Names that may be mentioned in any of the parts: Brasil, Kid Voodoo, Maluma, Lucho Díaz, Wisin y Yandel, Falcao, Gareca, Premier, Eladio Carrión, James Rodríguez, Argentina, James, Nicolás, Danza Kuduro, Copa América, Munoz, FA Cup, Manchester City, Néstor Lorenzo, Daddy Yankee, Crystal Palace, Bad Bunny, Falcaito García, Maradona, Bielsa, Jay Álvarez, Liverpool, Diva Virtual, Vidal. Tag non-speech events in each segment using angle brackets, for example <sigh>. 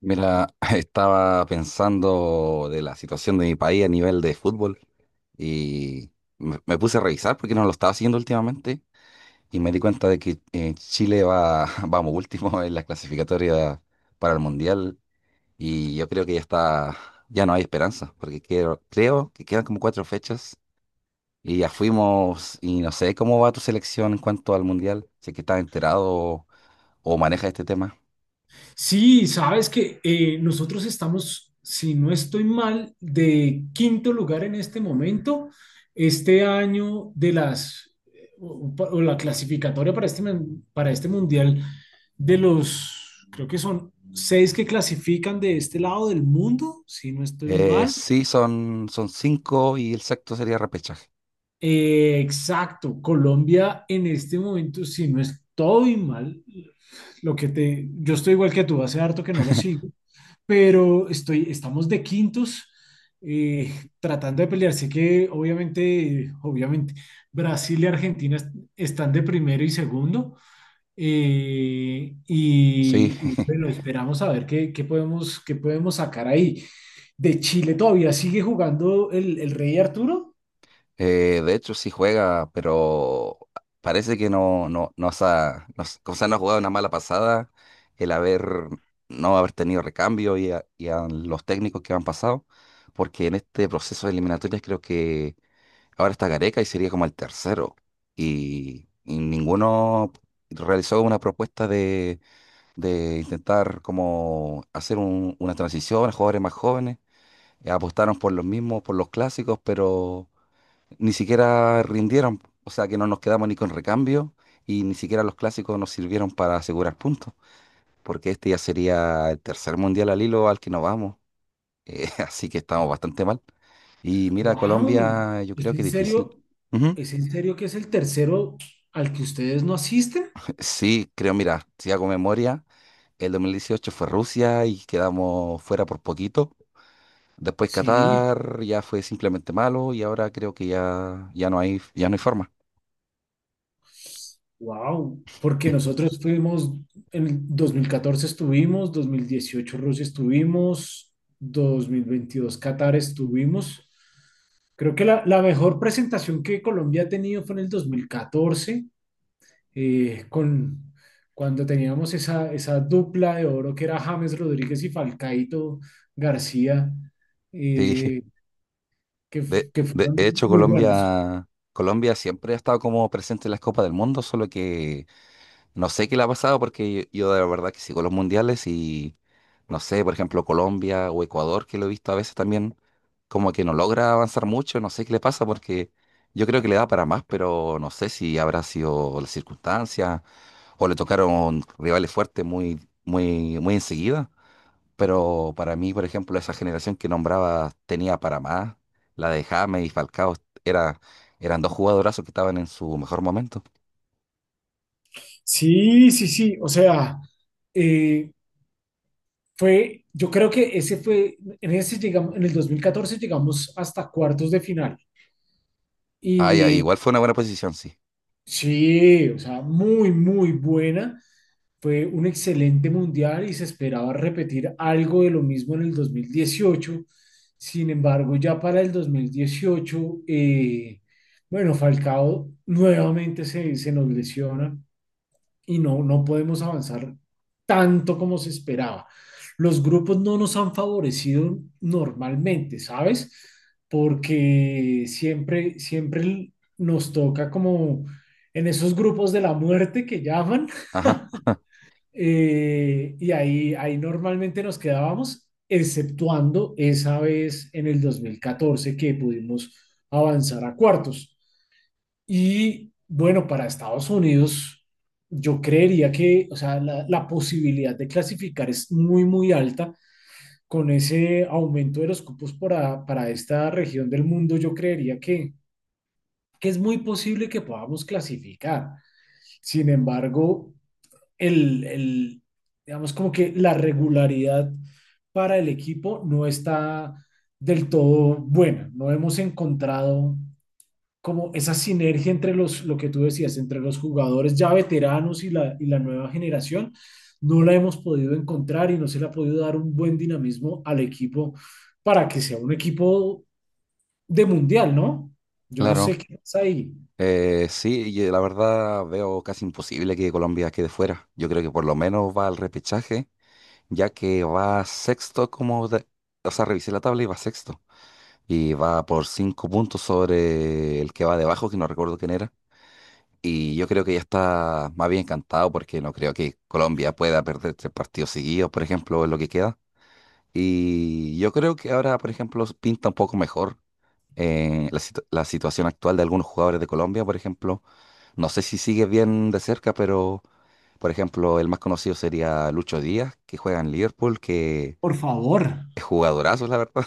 Mira, <laughs> estaba pensando de la situación de mi país a nivel de fútbol y me puse a revisar porque no lo estaba siguiendo últimamente y me di cuenta de que Chile va, <laughs> vamos, último en la clasificatoria para el Mundial. Y yo creo que ya está, ya no hay esperanza porque creo que quedan como cuatro fechas y ya fuimos. Y no sé cómo va tu selección en cuanto al Mundial, si es que estás enterado o manejas este tema. Sí, sabes que nosotros estamos, si no estoy mal, de quinto lugar en este momento. Este año de las, o la clasificatoria para este, para este mundial, de los, creo que son seis que clasifican de este lado del mundo, si no estoy mal. Sí, son cinco y el sexto sería repechaje. Exacto, Colombia en este momento, si no estoy mal, yo estoy igual que tú, hace harto que no lo sigo. Pero estoy, estamos de quintos, eh, tratando de pelear. Sé que obviamente, Brasil y Argentina están de primero y segundo. Eh, Sí, y, bueno, <laughs> esperamos a ver qué podemos sacar ahí. De Chile todavía sigue jugando el Rey Arturo. De hecho sí juega, pero parece que no, no, no, se ha, no, se- o sea, no ha jugado una mala pasada el haber, no haber tenido recambio y y a los técnicos que han pasado, porque en este proceso de eliminatorias creo que ahora está Gareca y sería como el tercero, y ninguno realizó una propuesta de intentar como hacer una transición a jugadores más jóvenes. Apostaron por los mismos, por los clásicos, pero ni siquiera rindieron. O sea que no nos quedamos ni con recambio y ni siquiera los clásicos nos sirvieron para asegurar puntos, porque este ya sería el tercer mundial al hilo al que nos vamos. <laughs> Así que estamos bastante mal. Y mira, ¡Wow! Colombia, yo ¿Es creo que en es difícil. serio? Ujú. ¿Es <laughs> en serio que es el tercero al que ustedes no asisten? Sí, creo, mira, si hago memoria, el 2018 fue Rusia y quedamos fuera por poquito. Después Sí. Qatar ya fue simplemente malo y ahora creo que ya, ya no hay forma. Wow, porque nosotros fuimos, en el 2014 estuvimos, 2018 Rusia estuvimos, 2022 Qatar estuvimos. Creo que la mejor presentación que Colombia ha tenido fue en el 2014, con, cuando teníamos esa dupla de oro que era James Rodríguez y Falcaito García, Sí, <laughs> eh, que, que de fueron hecho muy buenos. Colombia, Colombia siempre ha estado como presente en las Copas del Mundo, solo que no sé qué le ha pasado porque yo de la verdad que sigo los mundiales y no sé, por ejemplo, Colombia o Ecuador, que lo he visto a veces también, como que no logra avanzar mucho, no sé qué le pasa porque yo creo que le da para más, pero no sé si habrá sido la circunstancia o le tocaron rivales fuertes muy enseguida. Pero para mí, por ejemplo, esa generación que nombraba tenía para más. La de James y Falcao era, eran dos jugadorazos que estaban en su mejor momento. Sí, sí, sí, o sea, eh, fue, yo creo que ese fue, en ese llegamos, en el 2014 llegamos hasta cuartos de final. Ah, ya, Y igual fue una buena posición, sí. sí, o sea, muy, muy buena. Fue un excelente mundial y se esperaba repetir algo de lo mismo en el dos mil dieciocho. Sin embargo, ya para el 2018, bueno, Falcao nuevamente se nos lesiona y no, no podemos avanzar tanto como se esperaba. Los grupos no nos han favorecido normalmente, ¿sabes? Porque siempre, siempre nos toca como en esos grupos de la muerte que llaman, Ajá, <laughs> ahí normalmente nos quedábamos, exceptuando esa vez en el 2014 que pudimos avanzar a cuartos. Y bueno, para Estados Unidos, yo creería que, o sea, la posibilidad de clasificar es muy, muy alta. Con ese aumento de los cupos para esta región del mundo, yo creería que es muy posible que podamos clasificar. Sin embargo, el, el, digamos como que la regularidad para el equipo no está del todo buena. No hemos encontrado como esa sinergia entre los, lo que tú decías, entre los jugadores ya veteranos y la nueva generación, no la hemos podido encontrar y no se le ha podido dar un buen dinamismo al equipo para que sea un equipo de mundial, ¿no? Yo no sé claro. qué pasa ahí. Sí, y la verdad veo casi imposible que Colombia quede fuera. Yo creo que por lo menos va al repechaje, ya que va sexto o sea, revisé la tabla y va sexto. Y va por cinco puntos sobre el que va debajo, que no recuerdo quién era. Y yo creo que ya está más bien encantado porque no creo que Colombia pueda perder tres partidos seguidos, por ejemplo, en lo que queda. Y yo creo que ahora, por ejemplo, pinta un poco mejor la situación actual de algunos jugadores de Colombia, por ejemplo. No sé si sigue bien de cerca, pero, por ejemplo, el más conocido sería Lucho Díaz, que juega en Liverpool, que Por favor. es jugadorazo, la verdad.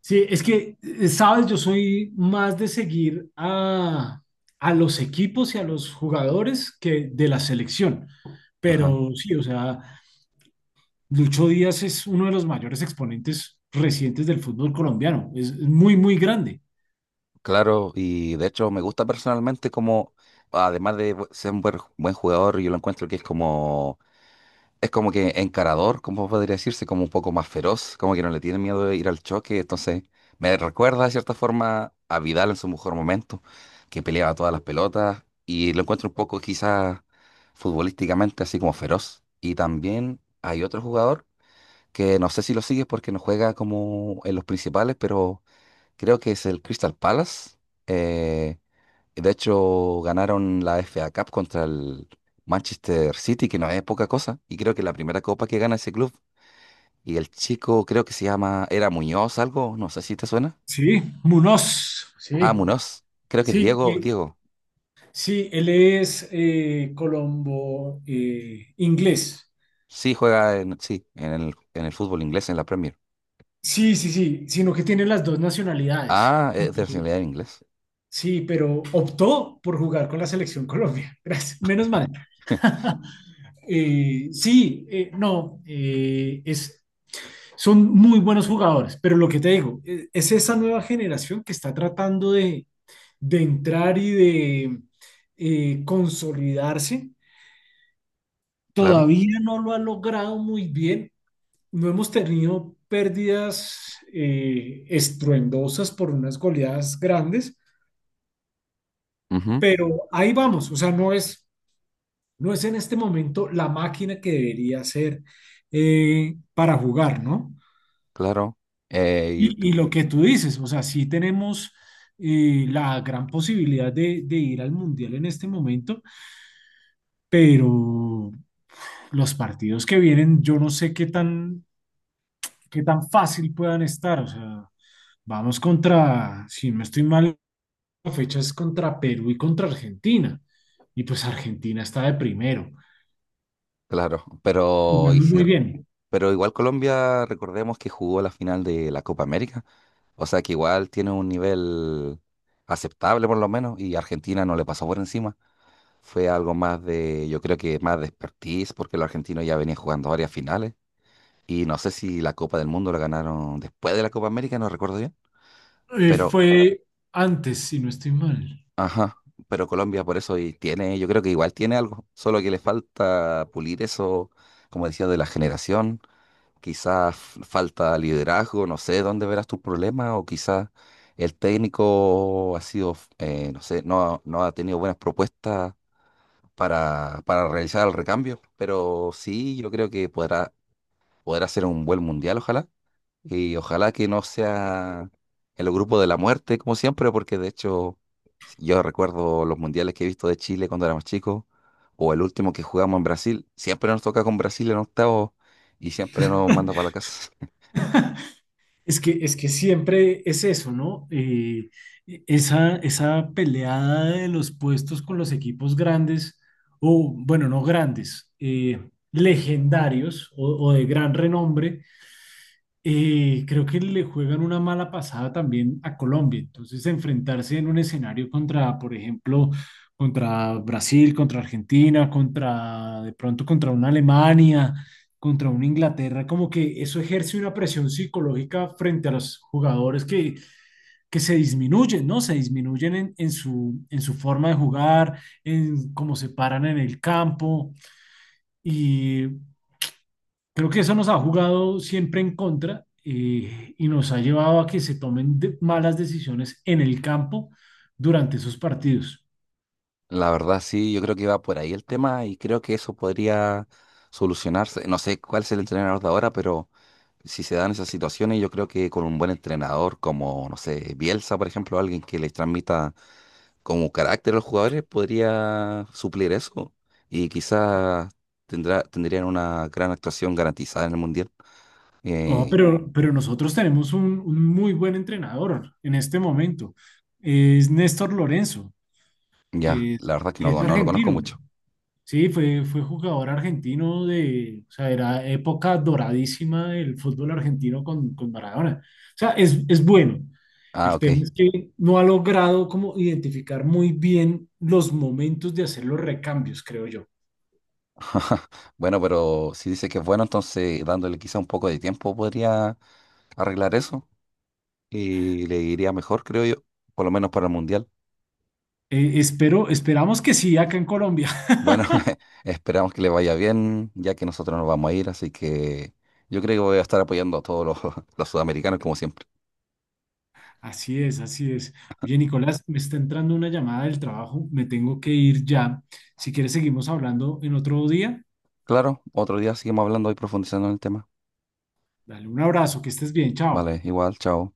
Sí, es que, sabes, yo soy más de seguir a los equipos y a los jugadores que de la selección. <laughs> Ajá. Pero sí, o sea, Lucho Díaz es uno de los mayores exponentes recientes del fútbol colombiano. Es muy, muy grande. Claro, y de hecho me gusta personalmente como, además de ser un buen jugador, yo lo encuentro que es como que encarador, como podría decirse, como un poco más feroz, como que no le tiene miedo de ir al choque, entonces me recuerda de cierta forma a Vidal en su mejor momento, que peleaba todas las pelotas, y lo encuentro un poco quizás futbolísticamente así como feroz. Y también hay otro jugador que no sé si lo sigues porque no juega como en los principales, pero creo que es el Crystal Palace. eh, de hecho, ganaron la FA Cup contra el Manchester City, que no es poca cosa. Y creo que es la primera copa que gana ese club. Y el chico creo que se llama, era Muñoz algo, no sé si te suena. Sí, Munoz. Ah, Sí, Muñoz. Creo que es sí, Diego, y- Diego. sí, él es colombo inglés. Sí, juega en, sí, en el fútbol inglés, en la Premier. Sí, sí, sí, sino que tiene las dos nacionalidades. Ah, es de Y- nacionalidad inglés. Sí, pero optó por jugar con la selección Colombia. <laughs> Gracias, menos mal. <laughs> <laughs> Sí, no, es, son muy buenos jugadores, pero lo que te digo, es esa nueva generación que está tratando de entrar y de consolidarse. Claro. Todavía no lo ha logrado muy bien. No hemos tenido pérdidas estruendosas por unas goleadas grandes, Ujú, pero ahí vamos. O sea, no es, no es en este momento la máquina que debería ser, para jugar, ¿no? claro. eh, y- Y lo que tú dices, o sea, sí tenemos la gran posibilidad de ir al Mundial en este momento, pero los partidos que vienen, yo no sé qué tan fácil puedan estar. O sea, vamos contra, si no estoy mal, la fecha es contra Perú y contra Argentina. Y pues Argentina está de primero, claro. Pero, ¿y jugando si... muy bien. Pero igual Colombia, recordemos que jugó la final de la Copa América, o sea que igual tiene un nivel aceptable por lo menos, y Argentina no le pasó por encima. Fue algo más de, yo creo que más de expertise, porque los argentinos ya venían jugando varias finales, y no sé si la Copa del Mundo la ganaron después de la Copa América, no recuerdo bien, pero, Fue antes, si no estoy mal. ajá, pero Colombia por eso y tiene, yo creo que igual tiene algo, solo que le falta pulir eso, como decía, de la generación quizás falta liderazgo, no sé dónde verás tus problemas, o quizás el técnico ha sido, no sé, no, no ha tenido buenas propuestas para realizar el recambio, pero sí, yo creo que podrá, podrá ser un buen mundial, ojalá, y ojalá que no sea el grupo de la muerte, como siempre, porque de hecho si, yo recuerdo los mundiales que he visto de Chile cuando éramos chicos, o el último que jugamos en Brasil, siempre nos toca con Brasil en octavo y siempre nos manda para la casa. <laughs> Es que siempre es eso, ¿no? Esa peleada de los puestos con los equipos grandes, o bueno, no grandes, legendarios o de gran renombre, creo que le juegan una mala pasada también a Colombia. Entonces, enfrentarse en un escenario contra, por ejemplo, contra Brasil, contra Argentina, contra, de pronto, contra una Alemania, contra una Inglaterra, como que eso ejerce una presión psicológica frente a los jugadores que se disminuyen, ¿no? Se disminuyen en en su forma de jugar, en cómo se paran en el campo. Y creo que eso nos ha jugado siempre en contra, y nos ha llevado a que se tomen malas decisiones en el campo durante esos partidos. La verdad, sí, yo creo que va por ahí el tema y creo que eso podría solucionarse. No sé cuál es el entrenador de ahora, pero si se dan esas situaciones, yo creo que con un buen entrenador como, no sé, Bielsa, por ejemplo, alguien que les transmita como carácter a los jugadores, podría suplir eso y quizás tendrá, tendrían una gran actuación garantizada en el Mundial. Oh, Eh, pero nosotros tenemos un muy buen entrenador en este momento. Es Néstor Lorenzo, ya, que es, la verdad que que es no lo conozco argentino. mucho. Sí, fue jugador argentino de, o sea, era época doradísima del fútbol argentino con Maradona. O sea, es bueno. Ah, El ok. tema es que no ha logrado como identificar muy bien los momentos de hacer los recambios, creo yo. <laughs> Bueno, pero si dice que es bueno, entonces dándole quizá un poco de tiempo podría arreglar eso y le iría mejor, creo yo, por lo menos para el Mundial. Espero, esperamos que sí acá en Colombia. <laughs> Bueno, <laughs> esperamos que le vaya bien, ya que nosotros nos vamos a ir, así que yo creo que voy a estar apoyando a todos los, <laughs> los sudamericanos como siempre. Así es, así es. Oye, Nicolás, me está entrando una llamada del trabajo, me tengo que ir ya. Si quieres, seguimos hablando en otro día. Claro, otro día seguimos hablando y profundizando en el tema. Dale un abrazo, que estés bien, chao. Vale, igual, chao.